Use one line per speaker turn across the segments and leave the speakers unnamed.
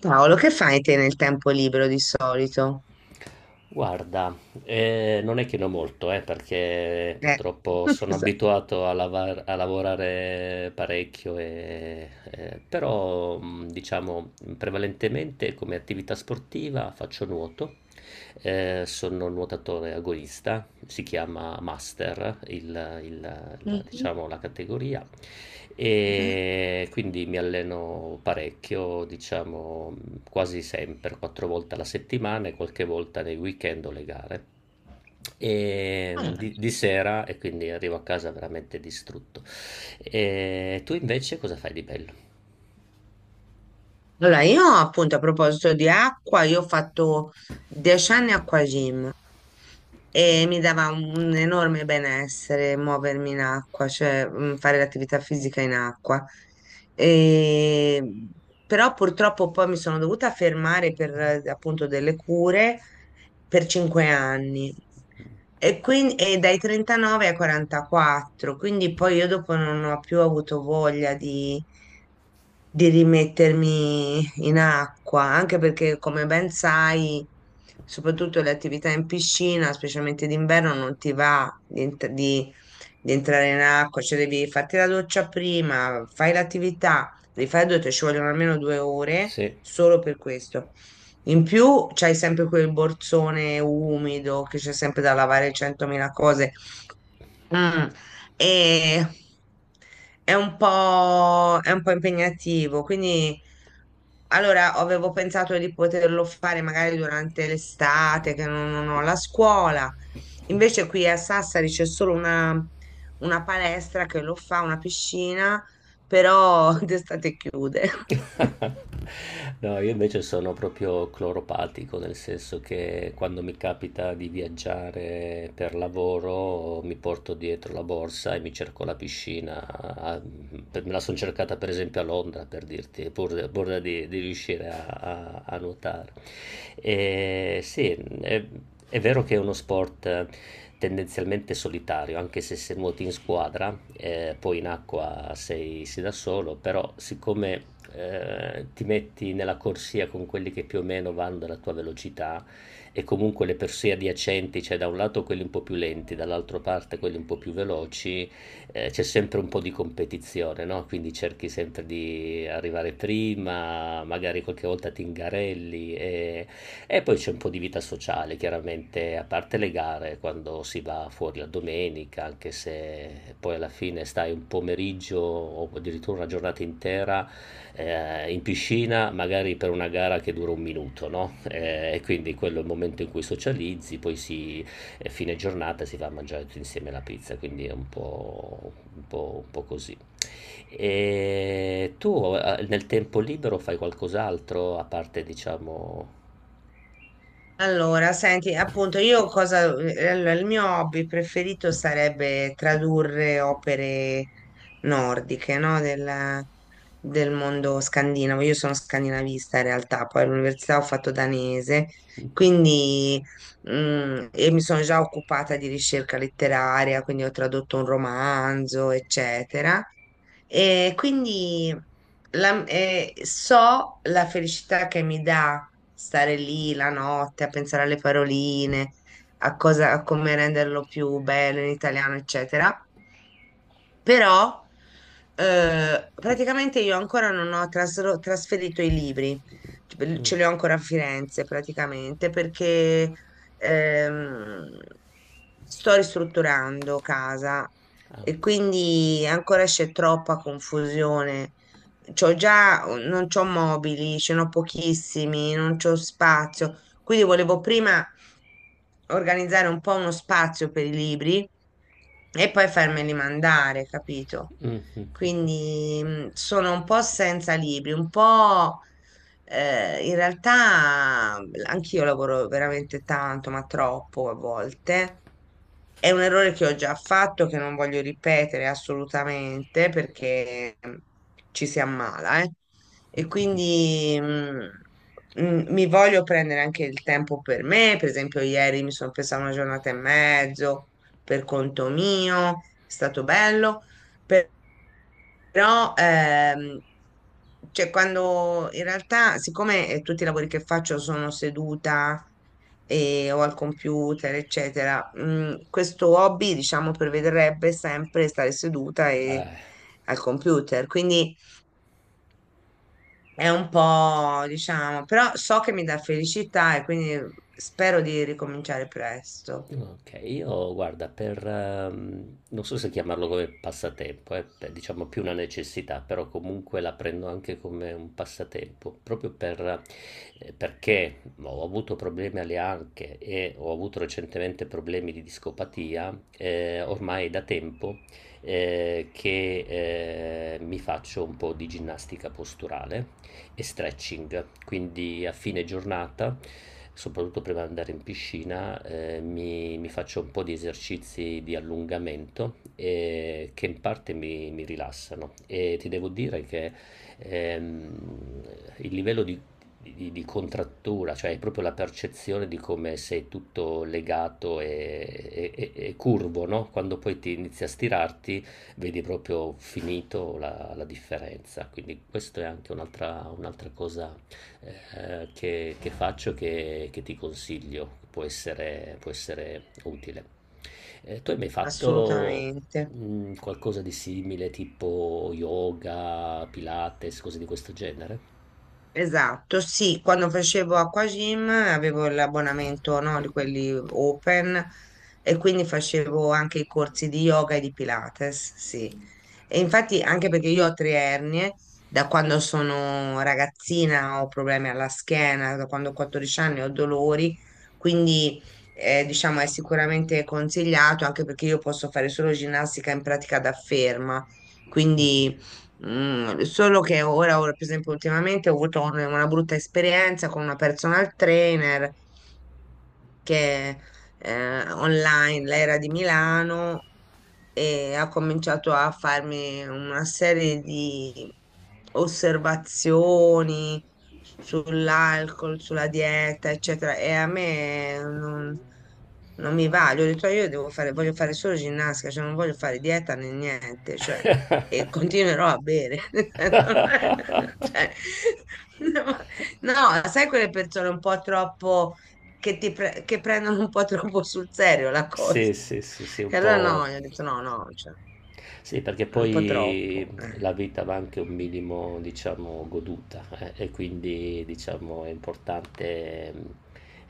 Paolo, che fai te nel tempo libero di solito?
Guarda, non è che ne ho molto, perché
Eh,
purtroppo sono
scusa.
abituato a, a lavorare parecchio, però diciamo prevalentemente come attività sportiva faccio nuoto. Sono un nuotatore agonista, si chiama Master
Mhm.
diciamo, la categoria. E quindi mi alleno parecchio, diciamo quasi sempre, 4 volte alla settimana e qualche volta nei weekend o le gare. E
Allora,
di sera e quindi arrivo a casa veramente distrutto. E tu invece cosa fai di bello?
allora, io appunto a proposito di acqua, io ho fatto 10 anni acquagym e mi dava un enorme benessere muovermi in acqua, cioè fare l'attività fisica in acqua. E- Però purtroppo poi mi sono dovuta fermare per appunto delle cure per 5 anni. E quindi, e dai 39 ai 44, quindi poi io dopo non ho più avuto voglia di rimettermi in acqua, anche perché come ben sai, soprattutto le attività in piscina, specialmente d'inverno, non ti va di, di entrare in acqua, cioè devi farti la doccia prima, fai l'attività, rifai la doccia, ci vogliono almeno 2 ore
Sì.
solo per questo. In più c'hai sempre quel borsone umido che c'è sempre da lavare 100.000 cose. Mm. E è un po', impegnativo, quindi allora avevo pensato di poterlo fare magari durante l'estate, che non ho la scuola. Invece qui a Sassari c'è solo una palestra che lo fa, una piscina, però d'estate chiude.
No, io invece sono proprio cloropatico, nel senso che quando mi capita di viaggiare per lavoro mi porto dietro la borsa e mi cerco la piscina. Me la sono cercata per esempio a Londra, per dirti, pur di riuscire a nuotare. E sì, e è vero che è uno sport tendenzialmente solitario, anche se nuoti in squadra, poi in acqua sei da solo, però siccome ti metti nella corsia con quelli che più o meno vanno alla tua velocità e comunque le corsie adiacenti, cioè da un lato quelli un po' più lenti, dall'altra parte quelli un po' più veloci, c'è sempre un po' di competizione, no? Quindi cerchi sempre di arrivare prima, magari qualche volta ti ingarelli e poi c'è un po' di vita sociale, chiaramente, a parte le gare, quando si va fuori la domenica, anche se poi alla fine stai un pomeriggio o addirittura una giornata intera in piscina, magari per una gara che dura un minuto, no? E quindi quello è il momento in cui socializzi, poi si, fine giornata si va a mangiare tutti insieme la pizza, quindi è un po', un po', un po' così. E tu nel tempo libero fai qualcos'altro a parte, diciamo.
Allora, senti, appunto, io cosa, allora, il mio hobby preferito sarebbe tradurre opere nordiche, no? Del mondo scandinavo. Io sono scandinavista in realtà, poi all'università ho fatto danese, quindi e mi sono già occupata di ricerca letteraria, quindi ho tradotto un romanzo, eccetera. E quindi so la felicità che mi dà stare lì la notte a pensare alle paroline, a cosa, a come renderlo più bello in italiano, eccetera. Però praticamente io ancora non ho trasferito i libri, ce li ho ancora a Firenze praticamente perché ehm, sto ristrutturando casa e
Ah.
quindi ancora c'è troppa confusione. C'ho già, non c'ho mobili, ce n'ho pochissimi, non c'ho spazio. Quindi volevo prima organizzare un po' uno spazio per i libri e poi farmeli mandare, capito?
Mh-mh.
Quindi sono un po' senza libri, un po' in realtà anch'io lavoro veramente tanto, ma troppo a volte. È un errore che ho già fatto, che non voglio ripetere assolutamente perché ci si ammala, eh. E quindi mi voglio prendere anche il tempo per me. Per esempio, ieri mi sono presa una giornata e mezzo per conto mio, è stato bello. Però, cioè, quando in realtà, siccome tutti i lavori che faccio sono seduta e, o al computer, eccetera, questo hobby, diciamo, prevederebbe sempre stare seduta e
eh,
al computer. Quindi è un po', diciamo, però so che mi dà felicità e quindi spero di ricominciare presto.
okay, io guarda per non so se chiamarlo come passatempo, pe diciamo più una necessità, però comunque la prendo anche come un passatempo, proprio per perché ho avuto problemi alle anche e ho avuto recentemente problemi di discopatia, ormai da tempo, ehm, che, mi faccio un po' di ginnastica posturale. E stretching. Quindi a fine giornata, soprattutto prima di andare in piscina, mi faccio un po' di esercizi di allungamento che in parte mi rilassano. E ti devo dire che ehm, il livello di, di contrattura, cioè è proprio la percezione di come sei tutto legato e curvo, no? Quando poi ti inizi a stirarti vedi proprio finito la differenza. Quindi questa è anche un'altra cosa che faccio e che ti consiglio, può essere utile. Tu hai mai fatto
Assolutamente.
qualcosa di simile, tipo yoga, pilates, cose di questo genere?
Esatto, sì, quando facevo acquagym avevo l'abbonamento, no, di quelli open e quindi facevo anche i corsi di yoga e di Pilates, sì. E infatti anche perché io ho tre ernie, da quando sono ragazzina ho problemi alla schiena, da quando ho 14 anni ho dolori, quindi diciamo è sicuramente consigliato anche perché io posso fare solo ginnastica in pratica da ferma, quindi. Solo che per esempio, ultimamente ho avuto una brutta esperienza con una personal trainer che online, lei era di Milano e ha cominciato a farmi una serie di osservazioni sull'alcol, sulla dieta, eccetera. E a me non mi va. Gli ho detto, "Ah, io devo fare, voglio fare solo ginnastica, cioè non voglio fare dieta né niente, cioè, e continuerò a bere." Cioè, no, no, sai quelle persone un po' troppo che prendono un po' troppo sul serio la cosa.
Sì, sì, sì, sì, un
E allora
po'.
no, gli ho detto no, no, cioè,
Sì, perché
un po'
poi
troppo. Eh,
la vita va anche un minimo, diciamo, goduta, e quindi, diciamo, è importante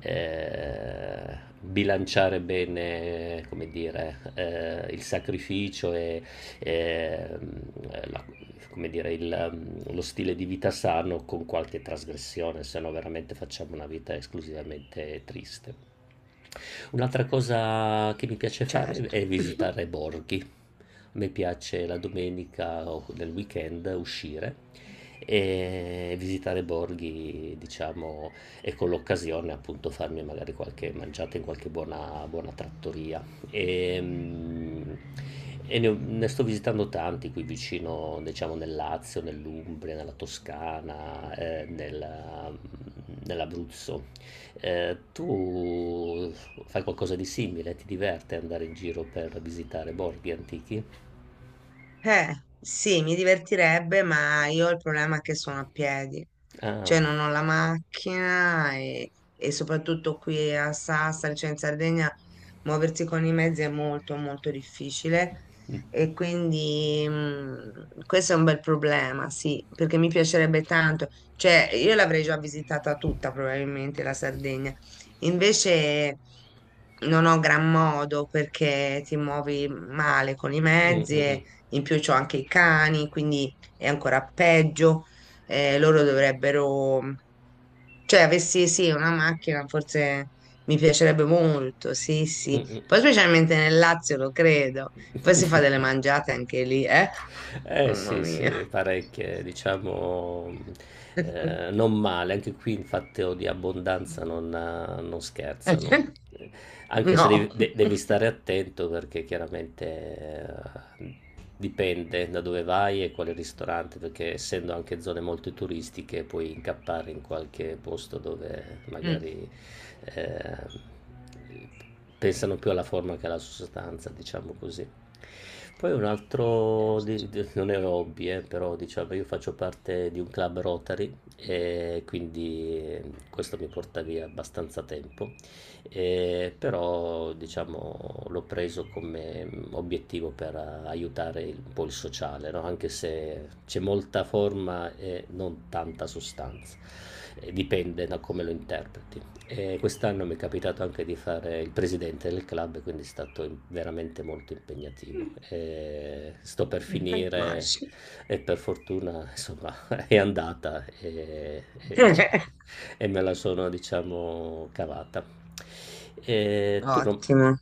bilanciare bene, come dire, il sacrificio e, mh, la- come dire, il, lo stile di vita sano con qualche trasgressione, se no veramente facciamo una vita esclusivamente triste. Un'altra cosa che mi piace fare
certo.
è visitare borghi. A me piace la domenica o nel weekend uscire e visitare borghi, diciamo, e con l'occasione appunto farmi magari qualche mangiata in qualche buona, buona trattoria. E, mm, ne sto visitando tanti qui vicino, diciamo, nel Lazio, nell'Umbria, nella Toscana, nell'Abruzzo. Tu fai qualcosa di simile? Ti diverte andare in giro per visitare borghi antichi?
Eh, sì, mi divertirebbe, ma io ho il problema che sono a piedi,
Ah.
cioè non ho la macchina e soprattutto qui a Sassari, cioè in Sardegna, muoversi con i mezzi è molto molto difficile e quindi questo è un bel problema, sì, perché mi piacerebbe tanto, cioè io l'avrei già visitata tutta probabilmente la Sardegna, invece non ho gran modo perché ti muovi male con i
Mm,
mezzi.
mm,
E
mm.
in più c'ho anche i cani, quindi è ancora peggio. Loro dovrebbero, cioè, avessi sì, una macchina, forse mi piacerebbe molto, sì, sì. Poi specialmente nel Lazio, lo credo. Poi si fa delle mangiate anche lì, eh?
Eh
Mamma
sì, sì,
mia.
parecchie, diciamo, non male. Anche qui il fatto di abbondanza non scherzano. Eh, Anche se
No.
devi stare attento perché chiaramente eh, dipende da dove vai e quale ristorante, perché essendo anche zone molto turistiche puoi incappare in qualche posto dove
Mm.
magari eh, pensano più alla forma che alla sostanza, diciamo così. Poi un altro,
Certo.
non è hobby, però diciamo io faccio parte di un club Rotary e quindi questo mi porta via abbastanza tempo. Però diciamo l'ho preso come obiettivo per aiutare un po' il sociale, no? Anche se c'è molta forma e non tanta sostanza. Dipende da come lo interpreti. E quest'anno mi è capitato anche di fare il presidente del club, quindi è stato veramente molto impegnativo. E sto per finire
Immagino.
e per fortuna, insomma, è andata e me la sono, diciamo, cavata. E tu,
Ottimo.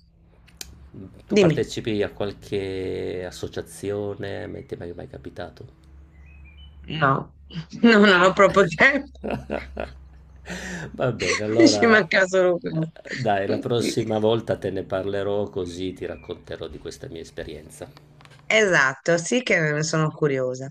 tu
Dimmi.
partecipi a qualche associazione? Ti è mai capitato?
No, non ho proprio tempo.
Va bene,
Ci
allora
manca solo questo.
dai, la
Sì.
prossima volta te ne parlerò così ti racconterò di questa mia esperienza.
Esatto, sì che ne sono curiosa.